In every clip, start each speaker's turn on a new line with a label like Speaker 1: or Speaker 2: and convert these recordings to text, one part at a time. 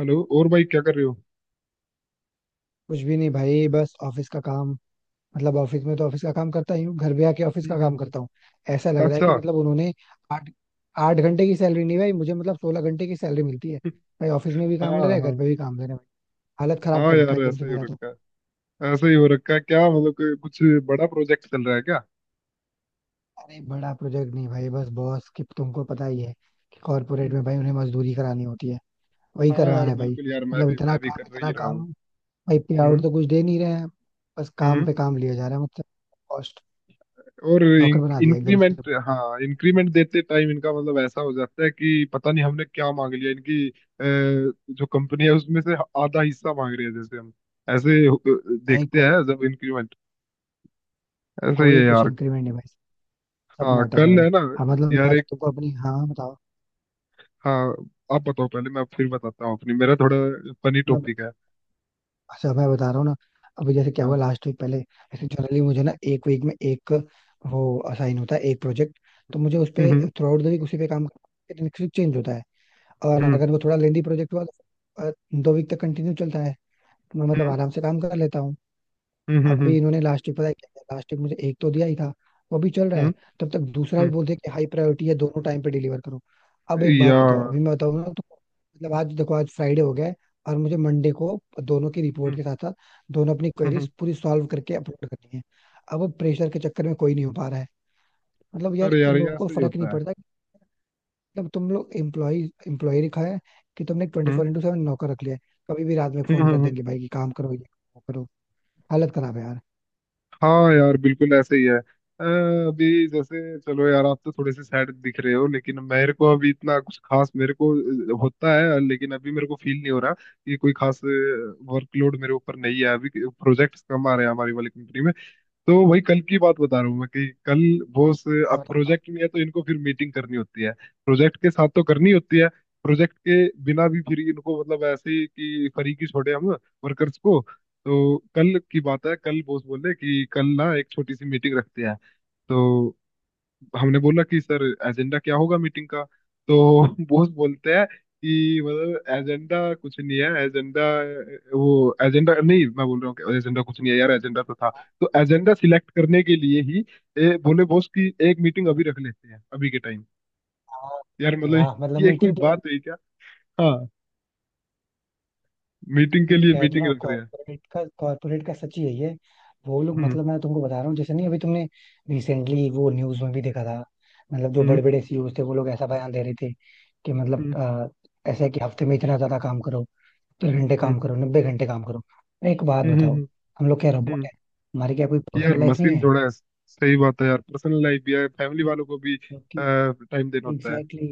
Speaker 1: Hello और भाई, क्या कर रहे हो?
Speaker 2: कुछ भी नहीं भाई, बस ऑफिस का काम। मतलब ऑफिस में तो ऑफिस का काम करता ही हूँ, घर भी आके ऑफिस
Speaker 1: हम्म,
Speaker 2: का
Speaker 1: हम्म,
Speaker 2: काम करता हूँ।
Speaker 1: हम्म।
Speaker 2: ऐसा लग रहा है कि
Speaker 1: अच्छा।
Speaker 2: मतलब उन्होंने आठ आठ घंटे की सैलरी नहीं भाई मुझे, मतलब 16 घंटे की सैलरी मिलती है भाई। ऑफिस में भी
Speaker 1: हाँ
Speaker 2: काम ले रहे हैं, घर
Speaker 1: हाँ।
Speaker 2: पे भी काम ले रहे हैं भाई। हालत खराब
Speaker 1: हाँ
Speaker 2: कर रखा
Speaker 1: यार,
Speaker 2: है एकदम से
Speaker 1: ऐसे ही हो
Speaker 2: मेरा तो।
Speaker 1: रखा है। ऐसे ही हो रखा है, क्या मतलब कि कुछ बड़ा प्रोजेक्ट चल रहा है क्या?
Speaker 2: अरे बड़ा प्रोजेक्ट नहीं भाई, बस बॉस की, तुमको पता ही है कि कॉर्पोरेट में
Speaker 1: हम्म।
Speaker 2: भाई उन्हें मजदूरी करानी होती है। वही
Speaker 1: हाँ
Speaker 2: करवाना
Speaker 1: यार
Speaker 2: है भाई।
Speaker 1: बिल्कुल, यार मैं
Speaker 2: मतलब
Speaker 1: भी
Speaker 2: इतना
Speaker 1: मैं भी
Speaker 2: काम,
Speaker 1: कर
Speaker 2: इतना
Speaker 1: रही रहा
Speaker 2: काम
Speaker 1: हूँ।
Speaker 2: भाई, पे आउट
Speaker 1: हम्म,
Speaker 2: तो कुछ दे नहीं रहे हैं। बस काम
Speaker 1: हम्म।
Speaker 2: पे काम लिया जा रहा है मतलब। कॉस्ट,
Speaker 1: और
Speaker 2: नौकर बना दिया एकदम से।
Speaker 1: इंक्रीमेंट, हाँ, इंक्रीमेंट देते टाइम इनका मतलब ऐसा हो जाता है कि पता नहीं हमने क्या मांग लिया। जो कंपनी है उसमें से आधा हिस्सा मांग रही है जैसे हम। ऐसे अ,
Speaker 2: भाई
Speaker 1: देखते
Speaker 2: कोई
Speaker 1: हैं जब इंक्रीमेंट ऐसे ही है
Speaker 2: कोई कुछ
Speaker 1: यार।
Speaker 2: इंक्रीमेंट नहीं भाई, सब
Speaker 1: हाँ
Speaker 2: नाटक है
Speaker 1: कल
Speaker 2: भाई।
Speaker 1: है ना।
Speaker 2: हाँ मतलब मैं
Speaker 1: यार
Speaker 2: अगर
Speaker 1: एक।
Speaker 2: तुमको अपनी, हाँ हाँ, बताओ।
Speaker 1: हाँ आप बताओ पहले, मैं फिर बताता हूँ अपनी। मेरा थोड़ा फनी
Speaker 2: मैं,
Speaker 1: टॉपिक है।
Speaker 2: अच्छा, मैं बता रहा हूँ ना। अभी जैसे क्या
Speaker 1: हाँ।
Speaker 2: हुआ लास्ट वीक, पहले ऐसे जनरली मुझे ना एक वीक में एक वो असाइन होता है एक प्रोजेक्ट, तो मुझे उस पे
Speaker 1: हम्म
Speaker 2: थ्रू आउट द वीक उसी पे काम करना, फिर चेंज होता है। और
Speaker 1: हम्म
Speaker 2: अगर वो थोड़ा लेंदी प्रोजेक्ट हुआ तो 2 वीक तक कंटिन्यू चलता है। तो मैं मतलब
Speaker 1: हम्म
Speaker 2: आराम से काम कर लेता हूँ।
Speaker 1: हम्म हम्म
Speaker 2: अभी इन्होंने लास्ट वीक पता है क्या किया? लास्ट वीक मुझे एक तो दिया ही था, वो भी चल रहा है,
Speaker 1: हम्म
Speaker 2: तब तक दूसरा
Speaker 1: हम्म,
Speaker 2: भी बोलते हैं कि हाई प्रायोरिटी है, दोनों टाइम पे डिलीवर करो। अब एक बात बताओ,
Speaker 1: यार।
Speaker 2: अभी मैं बताऊँ ना तो, मतलब आज देखो आज फ्राइडे हो गया है, और मुझे मंडे को दोनों की रिपोर्ट
Speaker 1: हम्म,
Speaker 2: के साथ साथ दोनों अपनी
Speaker 1: हम्म।
Speaker 2: क्वेरीज पूरी सॉल्व करके अपलोड करनी है। अब वो प्रेशर के चक्कर में कोई नहीं हो पा रहा है। मतलब यार
Speaker 1: अरे यार
Speaker 2: इन
Speaker 1: ये
Speaker 2: लोगों को
Speaker 1: ऐसे ही
Speaker 2: फर्क नहीं
Speaker 1: होता है।
Speaker 2: पड़ता कि, मतलब तुम लोग एम्प्लॉय एम्प्लॉय रखा है कि तुमने twenty
Speaker 1: hmm
Speaker 2: four into seven नौकर रख लिया है? कभी भी रात में फोन कर
Speaker 1: हम्म।
Speaker 2: देंगे भाई कि काम करो, ये करो, वो करो। हालत खराब है यार।
Speaker 1: हाँ यार बिल्कुल ऐसे ही है। अ, अभी जैसे चलो यार, आप तो थोड़े से सैड दिख रहे हो, लेकिन मेरे को अभी इतना कुछ खास होता है। लेकिन अभी मेरे को फील नहीं हो रहा कि कोई खास वर्कलोड मेरे ऊपर नहीं है। अभी प्रोजेक्ट्स कम आ रहे हैं हमारी वाली कंपनी में। तो वही कल की बात बता रहा हूँ मैं कि कल वो उस-
Speaker 2: हाँ
Speaker 1: अब
Speaker 2: बताओ।
Speaker 1: प्रोजेक्ट नहीं है तो इनको फिर मीटिंग करनी होती है। प्रोजेक्ट के साथ तो करनी होती है, प्रोजेक्ट के बिना भी फिर इनको मतलब ऐसे ही कि फरीकी छोड़े हम वर्कर्स को। तो कल की बात है, कल बॉस बोले कि कल ना एक छोटी सी मीटिंग रखते हैं। तो हमने बोला कि सर एजेंडा क्या होगा मीटिंग का। तो बॉस बोलते हैं कि मतलब एजेंडा कुछ नहीं है एजेंडा। वो एजेंडा नहीं, मैं बोल रहा हूँ कि एजेंडा कुछ नहीं है यार, एजेंडा तो था, तो एजेंडा सिलेक्ट करने के लिए ही बोले बॉस कि एक मीटिंग अभी रख लेते हैं अभी के टाइम।
Speaker 2: हाँ,
Speaker 1: यार मतलब
Speaker 2: वाह, मतलब
Speaker 1: ये कोई
Speaker 2: मीटिंग के लिए!
Speaker 1: बात हुई क्या? हाँ, मीटिंग के
Speaker 2: भाई
Speaker 1: लिए
Speaker 2: कह तो
Speaker 1: मीटिंग
Speaker 2: रहा हूँ,
Speaker 1: रख रहे हैं।
Speaker 2: कॉर्पोरेट का, कॉर्पोरेट का सच ही है ये। वो लोग,
Speaker 1: हम्म
Speaker 2: मतलब मैं तुमको बता रहा हूँ, जैसे नहीं अभी तुमने रिसेंटली वो न्यूज में भी देखा था, मतलब जो
Speaker 1: हम्म
Speaker 2: बड़े बड़े सीईओ थे वो लोग ऐसा बयान दे रहे थे कि मतलब
Speaker 1: हम्म
Speaker 2: ऐसा है कि हफ्ते में इतना ज्यादा काम करो, 3 घंटे
Speaker 1: हम्म
Speaker 2: काम करो, 90 घंटे काम करो। अरे एक बात
Speaker 1: हम्म
Speaker 2: बताओ,
Speaker 1: हम्म,
Speaker 2: हम लोग क्या रोबोट
Speaker 1: हम्म।
Speaker 2: है हमारी क्या कोई
Speaker 1: यार
Speaker 2: पर्सनल लाइफ नहीं
Speaker 1: मशीन
Speaker 2: है?
Speaker 1: थोड़ा है। सही बात है यार, पर्सनल लाइफ भी है, फैमिली वालों को भी टाइम देना होता है
Speaker 2: एग्जैक्टली।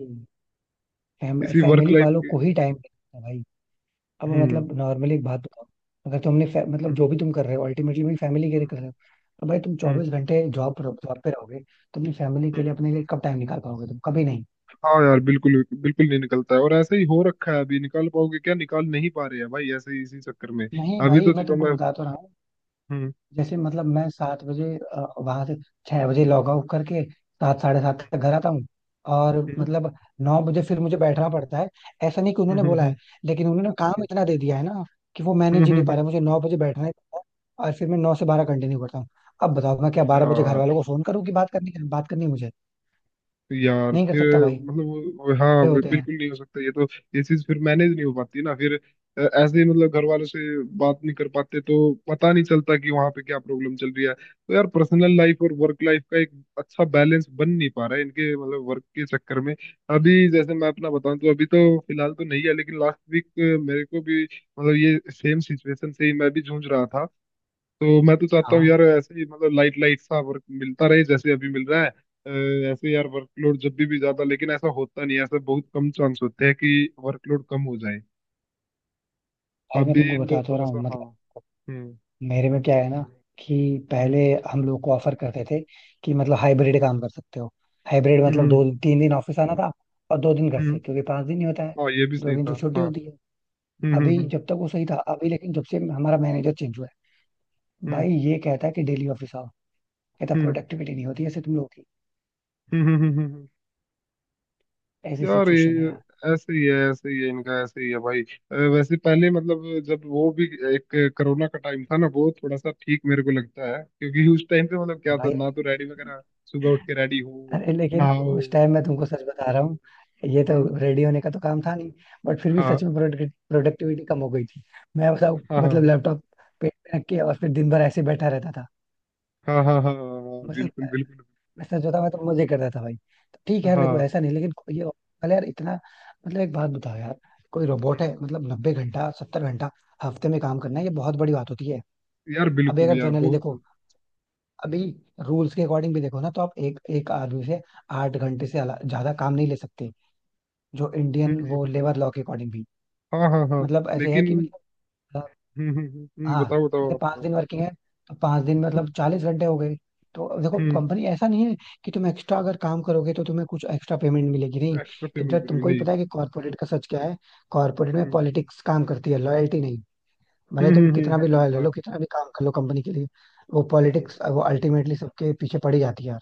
Speaker 1: इसी वर्क
Speaker 2: फैमिली
Speaker 1: लाइफ
Speaker 2: वालों
Speaker 1: के।
Speaker 2: को ही टाइम भाई। अब
Speaker 1: हम्म
Speaker 2: मतलब नॉर्मली एक बात बताओ, अगर तुमने मतलब
Speaker 1: हम्म
Speaker 2: जो भी तुम कर रहे हो अल्टीमेटली भी फैमिली के लिए कर रहे हो। अब भाई तुम
Speaker 1: हम्म
Speaker 2: 24 घंटे जॉब पे रहोगे, तुमने फैमिली के
Speaker 1: हम्म।
Speaker 2: लिए, अपने लिए कब टाइम निकाल पाओगे? तुम कभी नहीं।
Speaker 1: हाँ यार बिल्कुल, बिल्कुल नहीं निकलता है और ऐसे ही हो रखा है। अभी निकाल पाओगे क्या? निकाल नहीं पा रहे हैं भाई ऐसे ही इसी चक्कर में।
Speaker 2: नहीं
Speaker 1: अभी
Speaker 2: भाई
Speaker 1: तो
Speaker 2: मैं
Speaker 1: चलो
Speaker 2: तुमको
Speaker 1: मैं।
Speaker 2: बता तो रहा हूँ।
Speaker 1: हम्म
Speaker 2: जैसे मतलब मैं 7 बजे वहां से, 6 बजे लॉग आउट करके 7, 7:30 तक घर आता हूँ, और
Speaker 1: हम्म
Speaker 2: मतलब 9 बजे फिर मुझे बैठना पड़ता है। ऐसा नहीं कि
Speaker 1: हम्म
Speaker 2: उन्होंने
Speaker 1: हम्म
Speaker 2: बोला
Speaker 1: हम्म
Speaker 2: है, लेकिन उन्होंने काम इतना दे दिया है ना कि वो
Speaker 1: हम्म,
Speaker 2: मैनेज ही
Speaker 1: हम्म,
Speaker 2: नहीं पा
Speaker 1: हम्म,
Speaker 2: रहा, मुझे 9 बजे बैठना ही पड़ता है। और फिर मैं 9 से 12
Speaker 1: हम्म।
Speaker 2: कंटिन्यू करता हूँ। अब बताओ मैं क्या 12 बजे घर
Speaker 1: यार।
Speaker 2: वालों को फोन करूँ कि बात करनी है मुझे?
Speaker 1: यार
Speaker 2: नहीं कर सकता
Speaker 1: फिर
Speaker 2: भाई।
Speaker 1: मतलब हाँ,
Speaker 2: बड़े
Speaker 1: वो
Speaker 2: होते हैं।
Speaker 1: बिल्कुल नहीं हो सकता ये तो। ये चीज फिर मैनेज नहीं हो पाती ना फिर। ऐसे ही मतलब घर वालों से बात नहीं कर पाते तो पता नहीं चलता कि वहां पे क्या प्रॉब्लम चल रही है। तो यार पर्सनल लाइफ और वर्क लाइफ का एक अच्छा बैलेंस बन नहीं पा रहा है इनके मतलब वर्क के चक्कर में। अभी जैसे मैं अपना बताऊं तो अभी तो फिलहाल तो नहीं है, लेकिन लास्ट वीक मेरे को भी मतलब ये सेम सिचुएशन से ही मैं भी जूझ रहा था। तो मैं तो चाहता हूँ
Speaker 2: हाँ
Speaker 1: यार ऐसे ही मतलब लाइट लाइट सा वर्क मिलता रहे जैसे अभी मिल रहा है। ऐसे यार वर्कलोड जब भी ज्यादा, लेकिन ऐसा होता नहीं है, ऐसा बहुत कम चांस होते हैं कि वर्कलोड कम हो जाए।
Speaker 2: भाई मैं
Speaker 1: अभी
Speaker 2: तुमको
Speaker 1: तो
Speaker 2: बता तो
Speaker 1: थोड़ा
Speaker 2: रहा हूँ।
Speaker 1: सा हाँ।
Speaker 2: मतलब
Speaker 1: हम्म
Speaker 2: मेरे में क्या है ना कि
Speaker 1: हम्म
Speaker 2: पहले हम लोग को ऑफर करते थे कि मतलब हाइब्रिड काम कर सकते हो। हाइब्रिड
Speaker 1: हम्म
Speaker 2: मतलब
Speaker 1: हम्म
Speaker 2: 2-3 दिन ऑफिस आना था, और 2 दिन घर
Speaker 1: हम्म,
Speaker 2: से, क्योंकि 5 दिन ही होता है,
Speaker 1: हाँ ये भी
Speaker 2: दो
Speaker 1: सही
Speaker 2: दिन तो
Speaker 1: था
Speaker 2: छुट्टी
Speaker 1: हाँ।
Speaker 2: होती है।
Speaker 1: हम्म
Speaker 2: अभी
Speaker 1: हम्म
Speaker 2: जब तक वो सही था, अभी लेकिन जब से हमारा मैनेजर चेंज हुआ है
Speaker 1: हम्म
Speaker 2: भाई, ये कहता है कि डेली ऑफिस आओ। कहता
Speaker 1: हम्म हम्म
Speaker 2: प्रोडक्टिविटी नहीं होती ऐसे तुम लोग की।
Speaker 1: हम्म।
Speaker 2: ऐसी
Speaker 1: यार
Speaker 2: सिचुएशन
Speaker 1: ये
Speaker 2: है
Speaker 1: ऐसे ही है, ऐसे ही है इनका, ऐसे ही है भाई। वैसे पहले मतलब जब वो भी एक कोरोना का टाइम था ना, वो थोड़ा सा ठीक मेरे को लगता है क्योंकि उस टाइम पे मतलब क्या था
Speaker 2: यार।
Speaker 1: ना, तो रेडी वगैरह सुबह उठ के रेडी हो,
Speaker 2: अरे लेकिन
Speaker 1: नहाओ।
Speaker 2: उस टाइम मैं तुमको सच बता रहा हूँ, ये तो
Speaker 1: हम्म।
Speaker 2: रेडी होने का तो काम था नहीं, बट फिर भी
Speaker 1: हाँ
Speaker 2: सच में प्रोडक्टिविटी कम हो गई थी। मैं बताऊँ,
Speaker 1: हाँ
Speaker 2: मतलब
Speaker 1: हाँ
Speaker 2: लैपटॉप पेट पे रख के और फिर दिन भर ऐसे बैठा रहता था।
Speaker 1: हाँ हाँ हाँ हाँ हाँ हाँ,
Speaker 2: मतलब
Speaker 1: बिल्कुल बिल्कुल।
Speaker 2: मैं सच बताऊँ, मैं तो मजे करता था भाई। तो ठीक है यार, देखो
Speaker 1: हाँ।
Speaker 2: ऐसा नहीं, लेकिन कोई ये, पहले यार इतना, मतलब एक बात बताओ यार, कोई रोबोट
Speaker 1: हम्म,
Speaker 2: है? मतलब 90 घंटा, 70 घंटा हफ्ते में काम करना है, ये बहुत बड़ी बात होती है।
Speaker 1: यार
Speaker 2: अभी
Speaker 1: बिल्कुल
Speaker 2: अगर
Speaker 1: यार
Speaker 2: जनरली
Speaker 1: बहुत।
Speaker 2: देखो, अभी रूल्स के अकॉर्डिंग भी देखो ना तो आप एक एक आदमी से 8 घंटे से ज्यादा काम नहीं ले सकते, जो इंडियन
Speaker 1: हम्म।
Speaker 2: वो लेबर लॉ के अकॉर्डिंग भी।
Speaker 1: हाँ हाँ हाँ।
Speaker 2: मतलब ऐसे है
Speaker 1: लेकिन।
Speaker 2: कि मतलब अ, हाँ
Speaker 1: बताओ बताओ
Speaker 2: जैसे
Speaker 1: आप
Speaker 2: पांच
Speaker 1: बताओ।
Speaker 2: दिन वर्किंग है, तो 5 दिन में मतलब 40 घंटे हो गए। तो अब देखो
Speaker 1: हम्म।
Speaker 2: कंपनी ऐसा नहीं है कि तुम एक्स्ट्रा अगर काम करोगे तो तुम्हें कुछ एक्स्ट्रा पेमेंट मिलेगी, नहीं।
Speaker 1: एक्स्ट्रा
Speaker 2: इधर
Speaker 1: पेमेंट मिलेगी
Speaker 2: तुमको ही
Speaker 1: नहीं।
Speaker 2: पता है कि कॉर्पोरेट का सच क्या है। कॉर्पोरेट में
Speaker 1: हम्म
Speaker 2: पॉलिटिक्स काम करती है, लॉयल्टी नहीं। भले तुम कितना
Speaker 1: हाँ
Speaker 2: भी
Speaker 1: ये
Speaker 2: लॉयल
Speaker 1: तो
Speaker 2: रह लो,
Speaker 1: है।
Speaker 2: कितना भी काम कर लो कंपनी के लिए, वो पॉलिटिक्स, वो अल्टीमेटली सबके पीछे पड़ी जाती है।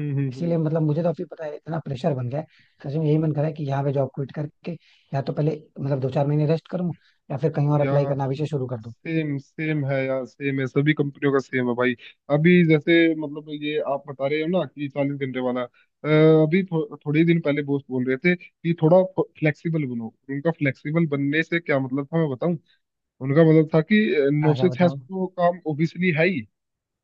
Speaker 1: हम्म हम्म हम्म,
Speaker 2: इसीलिए
Speaker 1: हम्म।
Speaker 2: मतलब मुझे तो अभी पता है इतना प्रेशर बन गया है, सच में यही मन करा है कि यहाँ पे जॉब क्विट करके या तो पहले मतलब 2-4 महीने रेस्ट करूँ, या फिर कहीं और अप्लाई
Speaker 1: यार
Speaker 2: करना अभी से शुरू कर दूँ।
Speaker 1: सेम सेम है यार, सेम है, सभी कंपनियों का सेम है भाई। अभी जैसे मतलब ये आप बता रहे हो ना कि चालीस घंटे वाला। अभी थोड़े ही दिन पहले बॉस बोल रहे थे कि थोड़ा फ्लेक्सिबल बनो। उनका फ्लेक्सिबल बनने से क्या मतलब था मैं बताऊं। उनका मतलब था कि नौ
Speaker 2: हाँ
Speaker 1: से
Speaker 2: क्या
Speaker 1: छह
Speaker 2: बताओ।
Speaker 1: तो काम ऑब्वियसली है ही।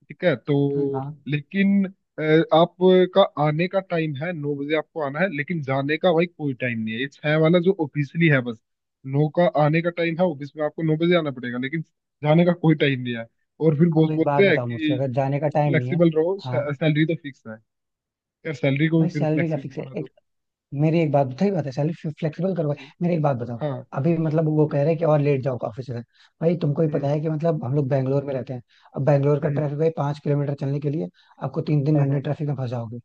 Speaker 1: ठीक है तो
Speaker 2: हाँ,
Speaker 1: लेकिन आपका आने का टाइम है नौ बजे, आपको आना है लेकिन जाने का भाई कोई टाइम नहीं है। ये छह वाला जो ऑफिशियली है बस, नौ का आने का टाइम है, ऑफिस में आपको नौ बजे आना पड़ेगा, लेकिन जाने का कोई टाइम नहीं है। और फिर बॉस
Speaker 2: अब एक बात
Speaker 1: बोलते हैं
Speaker 2: बताओ मुझसे,
Speaker 1: कि
Speaker 2: अगर जाने का टाइम नहीं है,
Speaker 1: फ्लेक्सिबल रहो,
Speaker 2: हाँ।
Speaker 1: सैलरी तो फिक्स है। यार सैलरी को भी
Speaker 2: भाई
Speaker 1: फिर
Speaker 2: सैलरी क्या
Speaker 1: फ्लेक्सिबल
Speaker 2: फिक्स है?
Speaker 1: बना
Speaker 2: एक,
Speaker 1: दो।
Speaker 2: मेरी एक बात सही बात है, सैलरी फ्लेक्सिबल करो भाई।
Speaker 1: हम्म,
Speaker 2: मेरी एक बात बताओ,
Speaker 1: हाँ।
Speaker 2: अभी मतलब वो कह
Speaker 1: हम्म
Speaker 2: रहे हैं कि और लेट जाओ ऑफिस से। भाई तुमको ही पता
Speaker 1: हम्म
Speaker 2: है कि मतलब हम लोग बैंगलोर में रहते हैं। अब बैंगलोर का
Speaker 1: हम्म।
Speaker 2: ट्रैफिक, भाई 5 किलोमीटर चलने के लिए आपको तीन तीन
Speaker 1: हाँ
Speaker 2: घंटे
Speaker 1: हाँ
Speaker 2: ट्रैफिक में फंस जाओगे।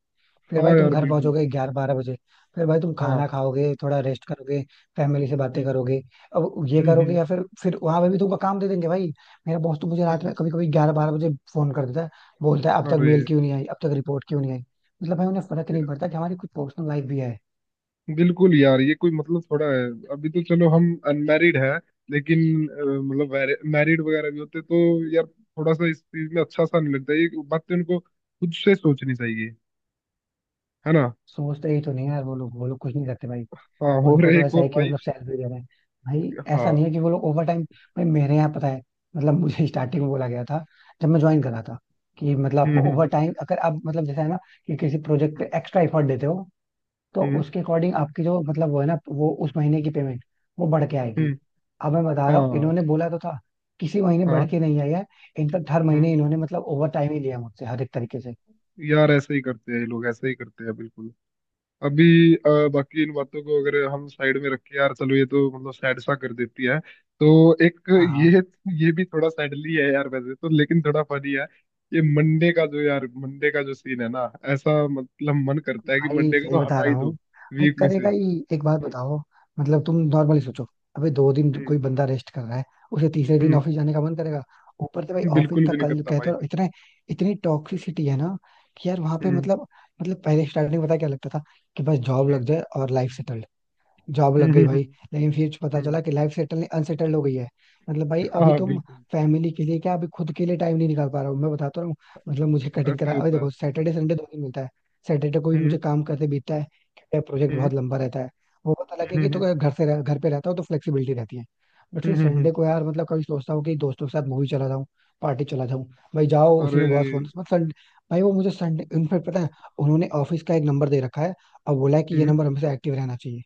Speaker 2: फिर भाई
Speaker 1: हाँ
Speaker 2: तुम
Speaker 1: यार
Speaker 2: घर
Speaker 1: बिल्कुल।
Speaker 2: पहुंचोगे 11-12 बजे। फिर भाई तुम खाना
Speaker 1: हाँ।
Speaker 2: खाओगे, थोड़ा रेस्ट करोगे, फैमिली से बातें
Speaker 1: हम्म
Speaker 2: करोगे। अब ये
Speaker 1: हम्म
Speaker 2: करोगे
Speaker 1: हम्म
Speaker 2: या फिर वहां पे भी तुमको काम दे देंगे भाई। मेरा बॉस तो मुझे रात में
Speaker 1: हम्म।
Speaker 2: कभी कभी 11-12 बजे फोन कर देता है। बोलता है अब तक
Speaker 1: अरे
Speaker 2: मेल क्यों नहीं आई, अब तक रिपोर्ट क्यों नहीं आई। मतलब भाई उन्हें फर्क नहीं पड़ता कि हमारी कुछ पर्सनल लाइफ भी है।
Speaker 1: बिल्कुल यार, ये कोई मतलब थोड़ा है। अभी तो चलो हम अनमैरिड है लेकिन मतलब मैरिड वगैरह भी होते तो यार थोड़ा सा इस चीज में अच्छा सा नहीं लगता। ये बातें उनको खुद से सोचनी चाहिए, है ना।
Speaker 2: सोचते ही तो नहीं है यार। वो लोग कुछ नहीं करते भाई।
Speaker 1: हाँ, और
Speaker 2: उनको तो
Speaker 1: एक
Speaker 2: ऐसा
Speaker 1: और
Speaker 2: है कि
Speaker 1: भाई।
Speaker 2: मतलब सैलरी दे रहे हैं। भाई ऐसा
Speaker 1: हाँ।
Speaker 2: नहीं है कि वो लोग ओवर टाइम, भाई मेरे यहाँ पता है मतलब मुझे स्टार्टिंग में बोला गया था जब मैं ज्वाइन करा था कि मतलब
Speaker 1: हम्म
Speaker 2: आपको
Speaker 1: हम्म
Speaker 2: ओवर
Speaker 1: हम्म
Speaker 2: टाइम, अगर आप मतलब जैसा है ना कि किसी प्रोजेक्ट पे एक्स्ट्रा एफर्ट देते हो तो
Speaker 1: हम्म हम्म,
Speaker 2: उसके अकॉर्डिंग आपकी जो मतलब वो है ना वो उस महीने की पेमेंट वो बढ़ के आएगी।
Speaker 1: हम्म,
Speaker 2: अब मैं बता रहा हूँ,
Speaker 1: हाँ
Speaker 2: इन्होंने बोला तो था, किसी महीने बढ़
Speaker 1: हाँ।
Speaker 2: के नहीं आई है। इनफैक्ट हर
Speaker 1: हम्म।
Speaker 2: महीने इन्होंने मतलब ओवर टाइम ही लिया मुझसे, हर एक तरीके से।
Speaker 1: यार ऐसे ही करते हैं ये लोग, ऐसे ही करते हैं बिल्कुल। अभी बाकी इन बातों को अगर हम साइड में रखें यार, चलो ये तो मतलब सैड सा कर देती है। तो एक
Speaker 2: हाँ, हाँ
Speaker 1: ये भी थोड़ा सैडली है यार वैसे तो, लेकिन थोड़ा फनी है। ये मंडे का जो, यार मंडे का जो सीन है ना, ऐसा मतलब मन करता है कि
Speaker 2: भाई
Speaker 1: मंडे का
Speaker 2: सही
Speaker 1: तो
Speaker 2: बता
Speaker 1: हटा
Speaker 2: रहा
Speaker 1: ही
Speaker 2: हूँ।
Speaker 1: दो
Speaker 2: भाई
Speaker 1: वीक में से।
Speaker 2: करेगा ही, एक बात बताओ, मतलब तुम नॉर्मली
Speaker 1: हम्म
Speaker 2: सोचो, अबे दो दिन कोई
Speaker 1: हम्म
Speaker 2: बंदा रेस्ट कर रहा है उसे तीसरे दिन
Speaker 1: हम्म,
Speaker 2: ऑफिस जाने का मन करेगा? ऊपर से भाई ऑफिस
Speaker 1: बिल्कुल भी
Speaker 2: तक
Speaker 1: नहीं
Speaker 2: कल
Speaker 1: करता
Speaker 2: कहते
Speaker 1: भाई।
Speaker 2: हो, इतने, इतनी टॉक्सिसिटी है ना कि यार वहां पे
Speaker 1: हम्म
Speaker 2: मतलब, मतलब पहले स्टार्टिंग पता है क्या लगता था कि बस जॉब
Speaker 1: हम्म
Speaker 2: लग जाए और लाइफ सेटल। जॉब
Speaker 1: हम्म
Speaker 2: लग गई भाई,
Speaker 1: हम्म
Speaker 2: लेकिन फिर पता
Speaker 1: हम्म,
Speaker 2: चला कि लाइफ सेटल, अनसेटल्ड हो गई है। मतलब भाई अभी
Speaker 1: हाँ
Speaker 2: तुम
Speaker 1: बिल्कुल।
Speaker 2: फैमिली के लिए क्या, अभी खुद के लिए टाइम नहीं निकाल पा रहा हूँ मैं, बताता रहा हूँ। मतलब मुझे कटिंग
Speaker 1: ऐसे
Speaker 2: करा,
Speaker 1: ही
Speaker 2: अभी
Speaker 1: होता
Speaker 2: देखो
Speaker 1: है।
Speaker 2: सैटरडे संडे दो दिन मिलता है, सैटरडे को भी
Speaker 1: हम्म
Speaker 2: मुझे काम करते बीतता है क्योंकि प्रोजेक्ट
Speaker 1: हम्म
Speaker 2: बहुत लंबा रहता है। वो पता लगे
Speaker 1: हम्म
Speaker 2: कि, तो
Speaker 1: हम्म
Speaker 2: अगर घर से घर पे रहता हूँ तो फ्लेक्सिबिलिटी रहती है। बट फिर
Speaker 1: हम्म।
Speaker 2: संडे को यार मतलब कभी सोचता हूँ कि दोस्तों के साथ मूवी चला जाऊँ, पार्टी चला जाऊँ, भाई जाओ उसी
Speaker 1: अरे।
Speaker 2: में बहुत फोन, मतलब संडे, भाई वो मुझे संडे इनफेक्ट पता है उन्होंने ऑफिस का एक नंबर दे रखा है और बोला है कि ये
Speaker 1: हम्म।
Speaker 2: नंबर हमेशा एक्टिव रहना चाहिए।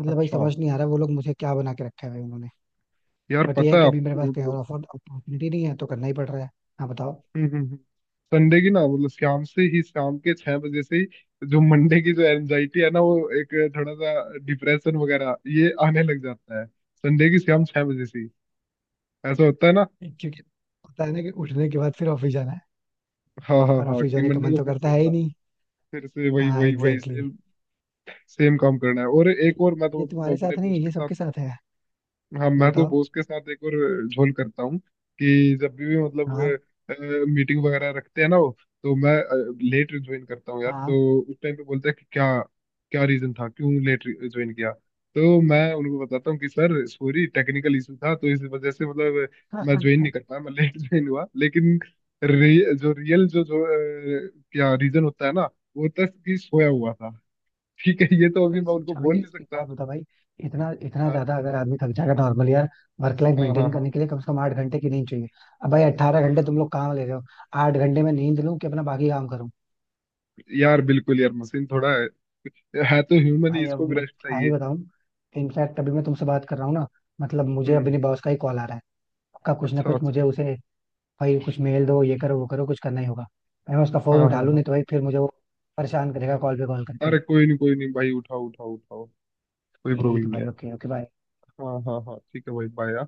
Speaker 2: मतलब भाई
Speaker 1: अच्छा।
Speaker 2: समझ नहीं आ रहा वो लोग मुझे क्या बना के रखा है भाई उन्होंने।
Speaker 1: यार
Speaker 2: बट ये
Speaker 1: पता
Speaker 2: है
Speaker 1: है
Speaker 2: कि अभी मेरे पास
Speaker 1: आपको
Speaker 2: कहीं और
Speaker 1: मतलब।
Speaker 2: ऑफर अपॉर्चुनिटी नहीं है, तो करना ही पड़ रहा है। हाँ बताओ।
Speaker 1: हम्म हम्म, हम्म। संडे की ना मतलब शाम से ही, शाम के छह बजे से ही जो मंडे की जो एनजाइटी है ना, वो एक थोड़ा सा डिप्रेशन वगैरह ये आने लग जाता है संडे की शाम छह बजे से ही। ऐसा होता है ना।
Speaker 2: क्योंकि पता है ना कि उठने के बाद फिर ऑफिस जाना है,
Speaker 1: हाँ हाँ
Speaker 2: और
Speaker 1: हाँ,
Speaker 2: ऑफिस
Speaker 1: कि
Speaker 2: जाने का
Speaker 1: मंडे
Speaker 2: मन
Speaker 1: को
Speaker 2: तो
Speaker 1: फिर
Speaker 2: करता
Speaker 1: से
Speaker 2: है ही
Speaker 1: हाँ।
Speaker 2: नहीं।
Speaker 1: फिर से वही
Speaker 2: हाँ,
Speaker 1: वही वही
Speaker 2: एग्जैक्टली exactly.
Speaker 1: सेम, सेम काम करना है। और
Speaker 2: ये
Speaker 1: एक और मैं तो
Speaker 2: ये
Speaker 1: मतलब
Speaker 2: तुम्हारे
Speaker 1: अपने
Speaker 2: साथ नहीं है,
Speaker 1: दोस्त के
Speaker 2: ये
Speaker 1: साथ।
Speaker 2: सबके साथ है।
Speaker 1: हाँ, मैं तो
Speaker 2: बताओ।
Speaker 1: बॉस के साथ एक और झोल करता हूँ कि जब भी
Speaker 2: हाँ।
Speaker 1: मतलब मीटिंग वगैरह रखते हैं ना वो, तो मैं लेट ज्वाइन करता हूँ यार।
Speaker 2: हाँ
Speaker 1: तो उस टाइम पे बोलते हैं कि क्या क्या रीजन था, क्यों लेट ज्वाइन किया। तो मैं उनको बताता हूँ कि सर सॉरी टेक्निकल इशू था तो इस वजह से मतलब मैं ज्वाइन नहीं कर पाया, मैं लेट ज्वाइन हुआ। लेकिन जो रियल जो जो क्या रीजन होता है ना, वो होता है कि सोया हुआ था। ठीक है ये तो अभी
Speaker 2: भाई,
Speaker 1: मैं उनको बोल
Speaker 2: अभी
Speaker 1: नहीं
Speaker 2: एक एक
Speaker 1: सकता।
Speaker 2: बात बता भाई, इतना इतना
Speaker 1: हाँ
Speaker 2: ज्यादा अगर आदमी थक जाएगा, नॉर्मल यार वर्क लाइफ
Speaker 1: हाँ हाँ
Speaker 2: मेंटेन
Speaker 1: हाँ।
Speaker 2: करने के लिए कम से कम 8 घंटे की नींद चाहिए। अब भाई 18 घंटे तुम लोग काम ले रहे हो, 8 घंटे में नींद लूं कि अपना बाकी काम?
Speaker 1: यार बिल्कुल, यार मशीन थोड़ा है तो ह्यूमन ही,
Speaker 2: भाई
Speaker 1: इसको
Speaker 2: अब
Speaker 1: भी
Speaker 2: मैं
Speaker 1: रेस्ट
Speaker 2: क्या ही
Speaker 1: चाहिए।
Speaker 2: बताऊं, इनफैक्ट अभी मैं तुमसे बात कर रहा हूँ ना मतलब मुझे
Speaker 1: हम्म।
Speaker 2: अपने बॉस का ही कॉल आ रहा है। आपका कुछ ना
Speaker 1: अच्छा
Speaker 2: कुछ,
Speaker 1: अच्छा अच्छा।
Speaker 2: मुझे उसे, भाई कुछ मेल दो, ये करो, वो करो, कुछ करना ही होगा भाई। मैं उसका फोन
Speaker 1: हाँ
Speaker 2: उठा
Speaker 1: हाँ
Speaker 2: लूं
Speaker 1: हाँ।
Speaker 2: नहीं तो भाई फिर मुझे वो परेशान करेगा कॉल पे कॉल करके।
Speaker 1: अरे कोई नहीं भाई, उठाओ उठाओ उठाओ, कोई
Speaker 2: ठीक
Speaker 1: प्रॉब्लम
Speaker 2: है
Speaker 1: नहीं
Speaker 2: भाई,
Speaker 1: है।
Speaker 2: Okay okay, bye.
Speaker 1: हाँ हाँ हाँ ठीक है भाई, बाय।